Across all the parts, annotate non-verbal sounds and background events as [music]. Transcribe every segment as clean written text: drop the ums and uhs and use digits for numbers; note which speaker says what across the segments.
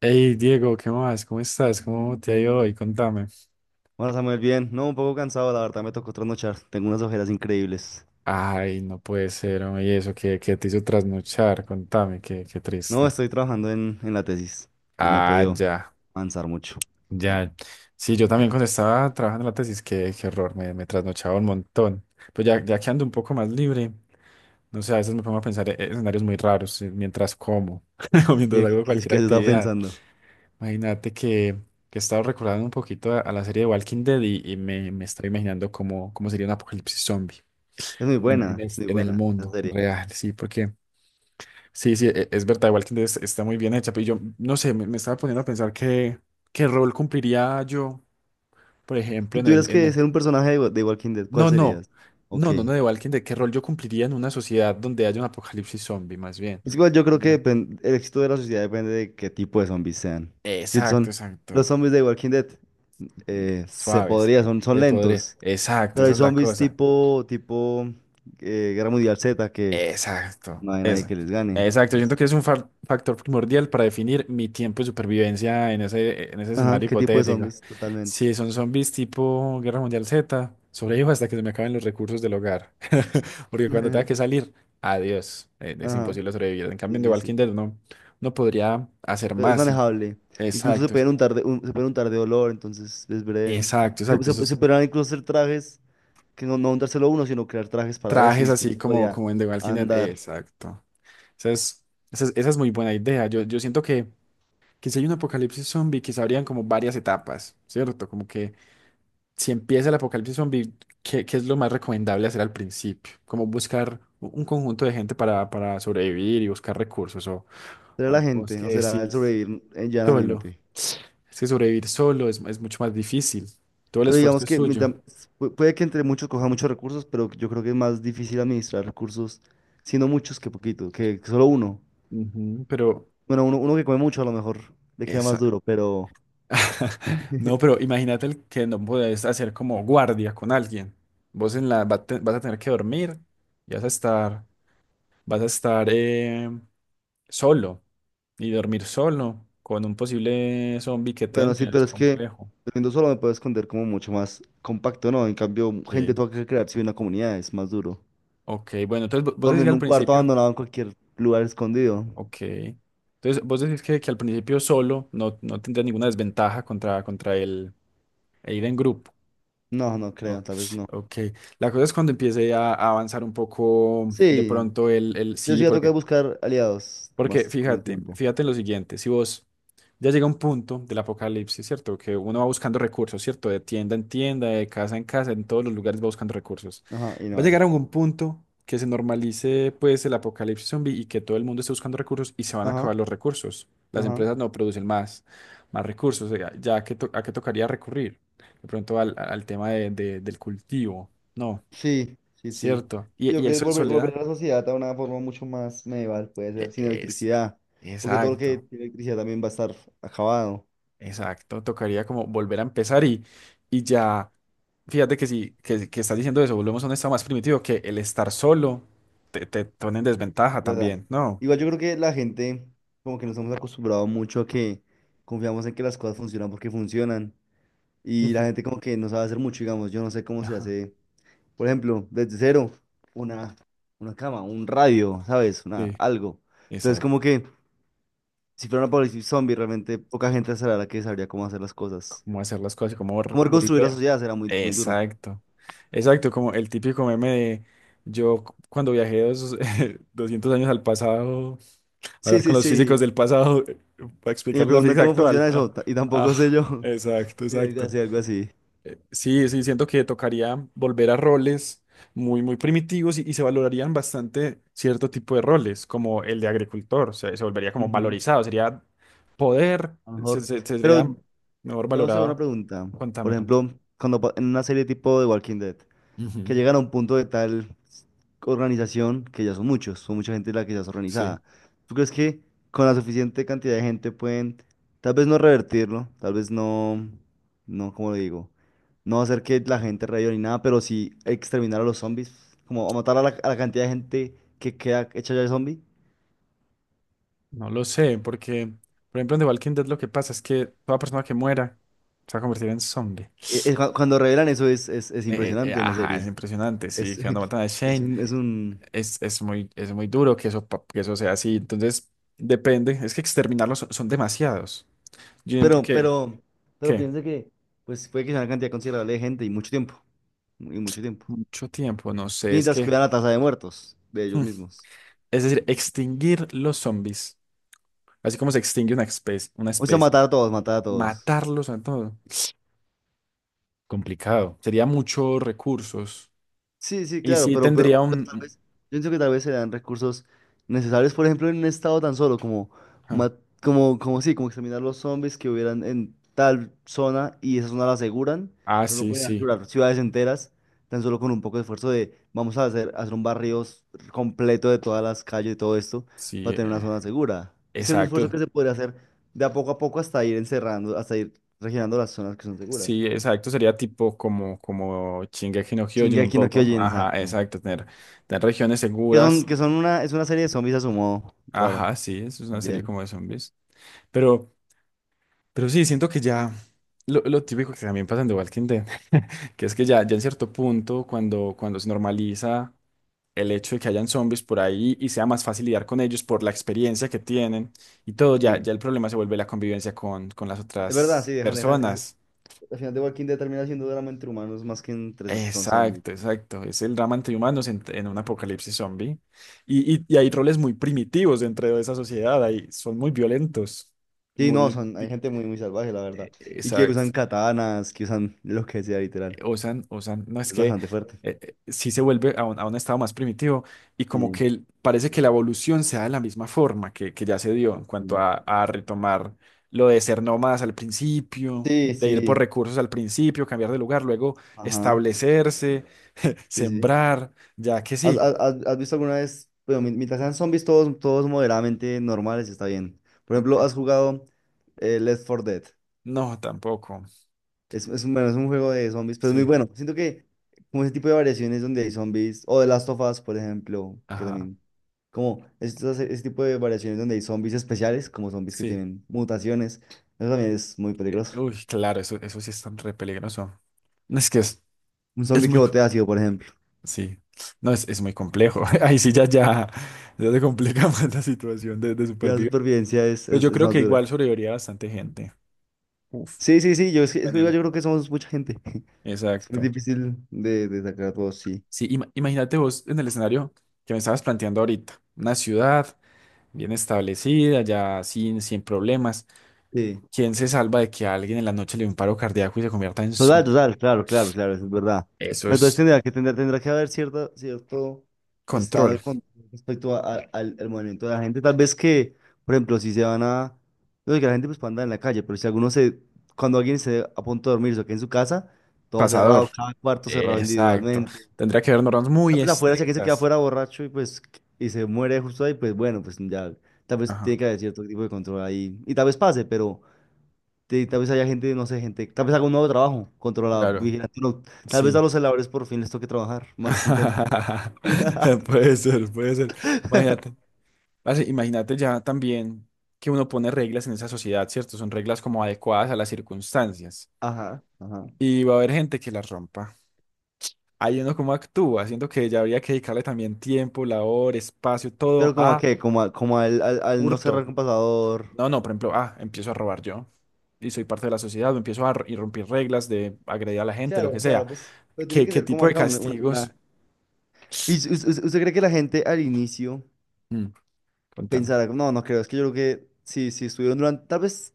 Speaker 1: Hey Diego, ¿qué más? ¿Cómo estás? ¿Cómo te ha ido hoy? Contame.
Speaker 2: Hola Samuel, bien. No, un poco cansado, la verdad me tocó trasnochar. Tengo unas ojeras increíbles.
Speaker 1: Ay, no puede ser, hombre, ¿y eso que te hizo trasnochar? Contame, qué
Speaker 2: No,
Speaker 1: triste.
Speaker 2: estoy trabajando en la tesis y no he
Speaker 1: Ah,
Speaker 2: podido
Speaker 1: ya,
Speaker 2: avanzar mucho.
Speaker 1: ya. Sí, yo también cuando estaba trabajando en la tesis, qué error, me trasnochaba un montón. Pero ya, ya que ando un poco más libre, no sé, a veces me pongo a pensar en escenarios muy raros mientras como [laughs] o mientras
Speaker 2: ¿Y qué,
Speaker 1: hago
Speaker 2: qué,
Speaker 1: cualquier
Speaker 2: qué has estado
Speaker 1: actividad.
Speaker 2: pensando?
Speaker 1: Imagínate que he estado recordando un poquito a la serie de Walking Dead y me estoy imaginando cómo sería un apocalipsis zombie.
Speaker 2: Es
Speaker 1: En, en es-
Speaker 2: muy
Speaker 1: en el
Speaker 2: buena la
Speaker 1: mundo
Speaker 2: serie.
Speaker 1: real, sí, porque sí, sí, es verdad, igual que está muy bien hecha, pero yo no sé, me estaba poniendo a pensar qué rol cumpliría yo, por ejemplo,
Speaker 2: Si
Speaker 1: en
Speaker 2: tuvieras
Speaker 1: el, en
Speaker 2: que
Speaker 1: el-
Speaker 2: ser un personaje de Walking Dead, ¿cuál
Speaker 1: No, no,
Speaker 2: serías? Ok.
Speaker 1: no, no, no, de Walking Dead, qué rol yo cumpliría en una sociedad donde haya un apocalipsis zombie, más bien.
Speaker 2: Es igual, yo creo
Speaker 1: Ya.
Speaker 2: que el éxito de la sociedad depende de qué tipo de zombies sean. Si
Speaker 1: Exacto,
Speaker 2: son
Speaker 1: exacto,
Speaker 2: los zombies de Walking Dead, se
Speaker 1: suaves,
Speaker 2: podría, son
Speaker 1: te podría,
Speaker 2: lentos.
Speaker 1: exacto,
Speaker 2: Pero
Speaker 1: esa
Speaker 2: hay
Speaker 1: es la
Speaker 2: zombies
Speaker 1: cosa.
Speaker 2: tipo Guerra Mundial Z que
Speaker 1: Exacto.
Speaker 2: no hay nadie
Speaker 1: Eso.
Speaker 2: que les gane.
Speaker 1: Exacto. Yo siento
Speaker 2: Es-
Speaker 1: que es un factor primordial para definir mi tiempo de supervivencia en ese
Speaker 2: Ajá,
Speaker 1: escenario
Speaker 2: ¿qué tipo de
Speaker 1: hipotético.
Speaker 2: zombies? Totalmente.
Speaker 1: Si son zombies tipo Guerra Mundial Z, sobrevivo hasta que se me acaben los recursos del hogar. [laughs] Porque cuando tenga que
Speaker 2: [laughs]
Speaker 1: salir, adiós. Es
Speaker 2: Ajá,
Speaker 1: imposible sobrevivir. En cambio,
Speaker 2: sí,
Speaker 1: en The
Speaker 2: sí,
Speaker 1: Walking
Speaker 2: sí.
Speaker 1: Dead uno podría hacer
Speaker 2: Pero es
Speaker 1: más. Y...
Speaker 2: manejable. Incluso se
Speaker 1: Exacto.
Speaker 2: pueden untar de, un- se pueden untar de olor, entonces es breve.
Speaker 1: Exacto,
Speaker 2: Se,
Speaker 1: exacto.
Speaker 2: se, se
Speaker 1: Esos
Speaker 2: podrían incluso hacer trajes, que no untárselo uno, sino crear trajes para eso y
Speaker 1: trajes
Speaker 2: después
Speaker 1: así
Speaker 2: uno
Speaker 1: como,
Speaker 2: podía
Speaker 1: como en The Walking Dead.
Speaker 2: andar.
Speaker 1: Exacto. Esa es, esa es muy buena idea. Yo siento que si hay un apocalipsis zombie, que se abrían como varias etapas, ¿cierto? Como que si empieza el apocalipsis zombie, ¿qué es lo más recomendable hacer al principio? Como buscar un conjunto de gente para sobrevivir y buscar recursos, o,
Speaker 2: ¿Será
Speaker 1: o,
Speaker 2: la
Speaker 1: o es
Speaker 2: gente
Speaker 1: que
Speaker 2: o será el
Speaker 1: decís
Speaker 2: sobrevivir
Speaker 1: solo.
Speaker 2: llanamente?
Speaker 1: Es que sobrevivir solo es mucho más difícil. Todo el
Speaker 2: Pero
Speaker 1: esfuerzo
Speaker 2: digamos
Speaker 1: es
Speaker 2: que
Speaker 1: suyo.
Speaker 2: puede que entre muchos coja muchos recursos, pero yo creo que es más difícil administrar recursos siendo muchos que poquito, que solo uno.
Speaker 1: Ujú, pero
Speaker 2: Bueno, uno que come mucho a lo mejor le queda más
Speaker 1: esa.
Speaker 2: duro, pero
Speaker 1: [laughs] No, pero imagínate el que no podés hacer como guardia con alguien. Vos en la va a te- vas a tener que dormir y vas a estar. Vas a estar solo y dormir solo con un posible zombie que te
Speaker 2: bueno, sí,
Speaker 1: entre. Es
Speaker 2: pero es que
Speaker 1: complejo.
Speaker 2: durmiendo solo me puedo esconder como mucho más compacto, ¿no? En cambio, gente
Speaker 1: Ok,
Speaker 2: toca que crearse una comunidad, es más duro.
Speaker 1: ok, bueno, entonces vos decís
Speaker 2: Dormir
Speaker 1: que
Speaker 2: en
Speaker 1: al
Speaker 2: un cuarto
Speaker 1: principio,
Speaker 2: abandonado en cualquier lugar escondido.
Speaker 1: ok. Entonces vos decís que al principio solo no, no tendrías ninguna desventaja contra, contra el e ir en grupo.
Speaker 2: No, no creo,
Speaker 1: No,
Speaker 2: tal vez no.
Speaker 1: ok. La cosa es cuando empiece a avanzar un poco de
Speaker 2: Sí,
Speaker 1: pronto el
Speaker 2: yo sí
Speaker 1: sí,
Speaker 2: voy a
Speaker 1: porque
Speaker 2: tocar buscar aliados
Speaker 1: Porque
Speaker 2: más con el
Speaker 1: fíjate,
Speaker 2: tiempo.
Speaker 1: fíjate en lo siguiente, si vos ya llega un punto del apocalipsis, ¿cierto? Que uno va buscando recursos, ¿cierto? De tienda en tienda, de casa en casa, en todos los lugares va buscando recursos.
Speaker 2: Ajá, y no
Speaker 1: Va a
Speaker 2: hay.
Speaker 1: llegar a un punto que se normalice pues el apocalipsis zombie y que todo el mundo esté buscando recursos y se van a
Speaker 2: Ajá,
Speaker 1: acabar los recursos. Las
Speaker 2: ajá.
Speaker 1: empresas no producen más recursos, o sea, ya a qué tocaría recurrir. De pronto al tema del cultivo, ¿no?
Speaker 2: Sí, sí, sí.
Speaker 1: ¿Cierto? Y,
Speaker 2: Yo
Speaker 1: y
Speaker 2: creo que
Speaker 1: eso en
Speaker 2: volver
Speaker 1: soledad.
Speaker 2: a la sociedad a una forma mucho más medieval, puede
Speaker 1: E-
Speaker 2: ser, sin
Speaker 1: Es,
Speaker 2: electricidad, porque todo lo que
Speaker 1: exacto.
Speaker 2: tiene electricidad también va a estar acabado.
Speaker 1: Exacto, tocaría como volver a empezar y ya, fíjate que si que estás diciendo eso, volvemos a un estado más primitivo, que el estar solo te pone en desventaja
Speaker 2: ¿Verdad?
Speaker 1: también, ¿no?
Speaker 2: Igual yo creo que la gente, como que nos hemos acostumbrado mucho a que confiamos en que las cosas funcionan porque funcionan. Y la
Speaker 1: Ujú.
Speaker 2: gente como que no sabe hacer mucho, digamos, yo no sé cómo se
Speaker 1: Ajá,
Speaker 2: hace, por ejemplo, desde cero, una, una cama, un radio, ¿sabes? Una,
Speaker 1: sí,
Speaker 2: algo. Entonces como
Speaker 1: exacto,
Speaker 2: que si fuera una apocalipsis zombie, realmente poca gente sabrá la que sabría cómo hacer las cosas.
Speaker 1: cómo hacer las cosas, y cómo r-
Speaker 2: Cómo reconstruir la
Speaker 1: volver.
Speaker 2: sociedad será muy, muy duro.
Speaker 1: Exacto, exacto, como el típico meme de yo cuando viajé [laughs] 200 años al pasado, a
Speaker 2: Sí,
Speaker 1: hablar
Speaker 2: sí,
Speaker 1: con los físicos
Speaker 2: sí.
Speaker 1: del pasado para
Speaker 2: Y me
Speaker 1: explicar la
Speaker 2: preguntan
Speaker 1: física
Speaker 2: cómo
Speaker 1: actual.
Speaker 2: funciona
Speaker 1: Ah,
Speaker 2: eso, y
Speaker 1: ah,
Speaker 2: tampoco sé yo.
Speaker 1: exacto,
Speaker 2: [laughs] Sí, algo
Speaker 1: exacto.
Speaker 2: así, algo así.
Speaker 1: Sí, sí, siento que tocaría volver a roles muy, muy primitivos y se valorarían bastante cierto tipo de roles, como el de agricultor, o sea, se volvería como
Speaker 2: Ujú.
Speaker 1: valorizado, sería poder,
Speaker 2: A lo mejor.
Speaker 1: sería
Speaker 2: Pero
Speaker 1: mejor
Speaker 2: debo hacer una
Speaker 1: valorado.
Speaker 2: pregunta. Por
Speaker 1: Contame, contame.
Speaker 2: ejemplo, cuando en una serie tipo de Walking Dead, que
Speaker 1: Ujú,
Speaker 2: llegan a un punto de tal organización que ya son muchos, son mucha gente la que ya es
Speaker 1: sí.
Speaker 2: organizada. ¿Tú crees que con la suficiente cantidad de gente pueden, tal vez no revertirlo, tal vez no, no, como lo digo, no hacer que la gente reviva ni nada, pero sí exterminar a los zombies, como a matar a la cantidad de gente que queda hecha ya de zombie?
Speaker 1: No lo sé, porque, por ejemplo, en The Walking Dead lo que pasa es que toda persona que muera se va a convertir en zombie.
Speaker 2: Cuando revelan eso es, es impresionante en la
Speaker 1: Ajá, es
Speaker 2: serie.
Speaker 1: impresionante, sí,
Speaker 2: Es,
Speaker 1: que cuando
Speaker 2: [laughs]
Speaker 1: matan a
Speaker 2: es
Speaker 1: Shane.
Speaker 2: un, es un
Speaker 1: Es muy duro que eso, que eso sea así. Entonces, depende. Es que exterminarlos son demasiados. Yo siento
Speaker 2: Pero,
Speaker 1: que,
Speaker 2: pero, pero
Speaker 1: que
Speaker 2: piensa que pues puede que sea una cantidad considerable de gente y mucho tiempo. Y mucho tiempo.
Speaker 1: mucho tiempo, no sé, es
Speaker 2: Mientras
Speaker 1: que,
Speaker 2: cuidan la tasa de muertos de ellos mismos.
Speaker 1: es decir, extinguir los zombies, así como se extingue una especie, una
Speaker 2: O sea,
Speaker 1: especie,
Speaker 2: matar a todos, matar a todos.
Speaker 1: matarlos a todos complicado. Sería muchos recursos.
Speaker 2: Sí, sí,
Speaker 1: Y
Speaker 2: claro,
Speaker 1: sí
Speaker 2: pero, pero,
Speaker 1: tendría
Speaker 2: pero tal
Speaker 1: un...
Speaker 2: vez, yo pienso que tal vez se dan recursos necesarios, por ejemplo, en un estado tan solo como,
Speaker 1: Ah,
Speaker 2: ma- como, como sí, como exterminar los zombies que hubieran en tal zona y esa zona la aseguran,
Speaker 1: ah,
Speaker 2: pero no
Speaker 1: sí,
Speaker 2: pueden
Speaker 1: sí,
Speaker 2: asegurar ciudades enteras, tan solo con un poco de esfuerzo de vamos a hacer, hacer un barrio completo de todas las calles y todo esto
Speaker 1: sí,
Speaker 2: para tener una zona segura. Ese es un esfuerzo
Speaker 1: exacto.
Speaker 2: que se podría hacer de a poco hasta ir encerrando, hasta ir regenerando las zonas que son seguras.
Speaker 1: Sí, exacto, sería tipo como Shingeki no Kyojin un
Speaker 2: Shingeki no
Speaker 1: poco. ¿No?
Speaker 2: Kyojin,
Speaker 1: Ajá,
Speaker 2: exacto.
Speaker 1: exacto, tener regiones
Speaker 2: Que
Speaker 1: seguras.
Speaker 2: son, que son una, es una serie de zombies a su modo, rara
Speaker 1: Ajá, sí, eso es una serie
Speaker 2: también.
Speaker 1: como de zombies. Pero, pero sí, siento que ya lo típico que también pasa en The Walking Dead, [laughs] que es que ya, ya en cierto punto, cuando se normaliza el hecho de que hayan zombies por ahí y sea más fácil lidiar con ellos por la experiencia que tienen y todo, ya,
Speaker 2: Sí,
Speaker 1: ya el problema se vuelve la convivencia con las
Speaker 2: es verdad,
Speaker 1: otras
Speaker 2: sí, dejan,
Speaker 1: personas.
Speaker 2: al final de Walking Dead termina siendo drama entre humanos más que, entre, so, que con
Speaker 1: Exacto,
Speaker 2: zombies.
Speaker 1: exacto. Es el drama entre humanos en un apocalipsis zombie. Y hay roles muy primitivos dentro de esa sociedad. Ahí son muy violentos.
Speaker 2: Sí, no,
Speaker 1: Muy.
Speaker 2: son, hay gente muy, muy salvaje, la verdad. Y que usan
Speaker 1: Exacto.
Speaker 2: katanas, que usan lo que sea, literal.
Speaker 1: Usan, no es
Speaker 2: Es
Speaker 1: que
Speaker 2: bastante fuerte.
Speaker 1: sí se vuelve a un estado más primitivo y como
Speaker 2: Sí,
Speaker 1: que parece que la evolución se da de la misma forma que ya se dio en cuanto
Speaker 2: sí.
Speaker 1: a retomar lo de ser nómadas al principio,
Speaker 2: Sí,
Speaker 1: de ir por
Speaker 2: sí,
Speaker 1: recursos al principio, cambiar de lugar, luego
Speaker 2: ajá,
Speaker 1: establecerse, [laughs]
Speaker 2: sí, sí.
Speaker 1: sembrar, ya que
Speaker 2: ¿Has,
Speaker 1: sí.
Speaker 2: has- has- has visto alguna vez? Bueno, mientras sean zombies todos, todos moderadamente normales, está bien. Por ejemplo,
Speaker 1: Ok.
Speaker 2: ¿has jugado Left 4 Dead?
Speaker 1: No, tampoco.
Speaker 2: Bueno, es un juego de zombies, pero es muy
Speaker 1: Sí,
Speaker 2: bueno. Siento que como ese tipo de variaciones donde hay zombies, o The Last of Us, por ejemplo, que
Speaker 1: ajá,
Speaker 2: también, como ese tipo de variaciones donde hay zombies especiales, como zombies que
Speaker 1: sí.
Speaker 2: tienen mutaciones, eso también es muy peligroso.
Speaker 1: Uy, claro, eso sí es tan re peligroso. Es que
Speaker 2: Un
Speaker 1: es
Speaker 2: zombie que
Speaker 1: muy
Speaker 2: bote ácido, por ejemplo.
Speaker 1: Sí, no, es muy complejo. [laughs] Ahí sí ya se complica [laughs] más la situación de
Speaker 2: Ya la
Speaker 1: supervivencia.
Speaker 2: supervivencia es,
Speaker 1: Pero
Speaker 2: es,
Speaker 1: yo
Speaker 2: es
Speaker 1: creo
Speaker 2: más
Speaker 1: que
Speaker 2: dura.
Speaker 1: igual sobreviviría bastante gente. Uf,
Speaker 2: Sí, sí, sí, es que
Speaker 1: dependiendo.
Speaker 2: yo creo que somos mucha gente. [laughs] Es muy
Speaker 1: Exacto.
Speaker 2: difícil de sacar a todos, sí.
Speaker 1: Sí, imagínate vos en el escenario que me estabas planteando ahorita. Una ciudad bien establecida, ya sin problemas.
Speaker 2: Sí.
Speaker 1: ¿Quién se salva de que a alguien en la noche le dé un paro cardíaco y se convierta en
Speaker 2: Total,
Speaker 1: zombie?
Speaker 2: total, claro, claro, claro, eso es verdad.
Speaker 1: Eso
Speaker 2: Pero entonces
Speaker 1: es
Speaker 2: tendrá que haber cierto estado
Speaker 1: control,
Speaker 2: de control respecto al movimiento de la gente. Tal vez que, por ejemplo, si se van a. No sé, que la gente pues puede andar en la calle, pero si alguno se. Cuando alguien se a punto de dormirse o que en su casa, todo
Speaker 1: pasador.
Speaker 2: cerrado, cada cuarto cerrado
Speaker 1: Exacto.
Speaker 2: individualmente.
Speaker 1: Tendría que haber normas muy
Speaker 2: Tal vez afuera, si alguien se queda
Speaker 1: estrictas.
Speaker 2: afuera borracho y pues y se muere justo ahí, pues bueno, pues ya. Tal vez
Speaker 1: Ajá,
Speaker 2: tiene que haber cierto tipo de control ahí. Y tal vez pase, pero tal vez haya gente, no sé, gente, tal vez haga un nuevo trabajo contra la
Speaker 1: claro.
Speaker 2: vigilancia. No, tal vez a
Speaker 1: Sí.
Speaker 2: los celadores por fin les toque trabajar más intensamente.
Speaker 1: [laughs]
Speaker 2: [laughs]
Speaker 1: Puede ser, puede ser. Imagínate, parce, imagínate ya también que uno pone reglas en esa sociedad, ¿cierto? Son reglas como adecuadas a las circunstancias
Speaker 2: Ajá, ajá.
Speaker 1: y va a haber gente que las rompa. Ahí uno como actúa, siento que ya habría que dedicarle también tiempo, labor, espacio, todo
Speaker 2: Pero como a
Speaker 1: a
Speaker 2: qué, como al no cerrar
Speaker 1: hurto.
Speaker 2: con pasador.
Speaker 1: No, no, por ejemplo, ah, empiezo a robar yo y soy parte de la sociedad, o empiezo a romper reglas de agredir a la gente, lo
Speaker 2: Claro,
Speaker 1: que sea.
Speaker 2: claro, pues, pero tiene
Speaker 1: ¿Qué,
Speaker 2: que
Speaker 1: qué
Speaker 2: ser como
Speaker 1: tipo de
Speaker 2: acá una, una-
Speaker 1: castigos?
Speaker 2: una- ¿Y usted, cree que la gente al inicio
Speaker 1: Mm, contame.
Speaker 2: pensará, no, no creo, es que yo creo que si estuvieron durante, tal vez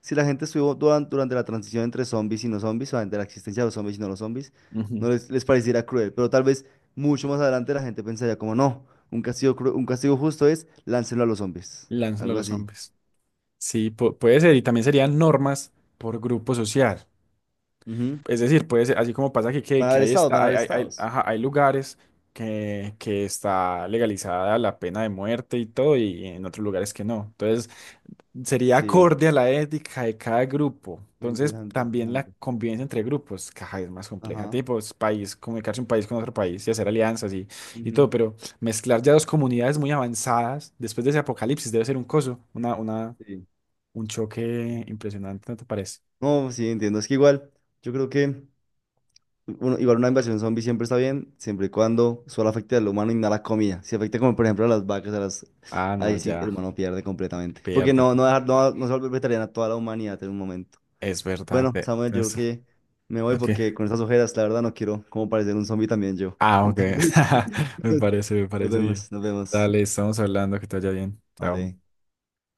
Speaker 2: si la gente estuvo durante la transición entre zombies y no zombies, o entre la existencia de los zombies y no los zombies,
Speaker 1: Ujú.
Speaker 2: no les pareciera cruel, pero tal vez mucho más adelante la gente pensaría como, no, un castigo justo es láncelo a los zombies,
Speaker 1: Lánzalo a
Speaker 2: algo
Speaker 1: los
Speaker 2: así.
Speaker 1: hombres. Sí, puede ser, y también serían normas por grupo social.
Speaker 2: Ujú.
Speaker 1: Es decir, puede ser, así como pasa que, que,
Speaker 2: Van a
Speaker 1: que
Speaker 2: haber
Speaker 1: ahí
Speaker 2: estados, van
Speaker 1: está,
Speaker 2: a haber estados.
Speaker 1: ajá, hay lugares que está legalizada la pena de muerte y todo, y en otros lugares que no. Entonces, sería
Speaker 2: Sí,
Speaker 1: acorde a la ética de cada grupo.
Speaker 2: ve,
Speaker 1: Entonces,
Speaker 2: interesante,
Speaker 1: también la
Speaker 2: interesante.
Speaker 1: convivencia entre grupos, caja, es más compleja.
Speaker 2: Ajá.
Speaker 1: Tipo, es país, comunicarse un país con otro país y hacer alianzas y
Speaker 2: Ujú.
Speaker 1: todo, pero mezclar ya dos comunidades muy avanzadas después de ese apocalipsis debe ser un coso,
Speaker 2: Sí.
Speaker 1: un choque impresionante, ¿no te parece?
Speaker 2: No, sí, entiendo, es que igual, yo creo que. Bueno, igual una invasión zombie siempre está bien, siempre y cuando solo afecte al humano y no a la comida. Si afecta como por ejemplo a las vacas, a las.
Speaker 1: Ah, no,
Speaker 2: Ahí sí el
Speaker 1: ya,
Speaker 2: humano pierde completamente. Porque
Speaker 1: pierde.
Speaker 2: no, no, dejar, no, no se vuelve vegetariana toda la humanidad en un momento.
Speaker 1: Es verdad.
Speaker 2: Bueno, Samuel, yo creo que me voy
Speaker 1: Ok.
Speaker 2: porque con estas ojeras, la verdad, no quiero como parecer un zombie también yo.
Speaker 1: Ah, ok.
Speaker 2: Entonces,
Speaker 1: [laughs] Me parece, me
Speaker 2: [laughs] nos
Speaker 1: parece bien.
Speaker 2: vemos, nos vemos.
Speaker 1: Dale, estamos hablando, que te vaya bien. Chao.
Speaker 2: Vale.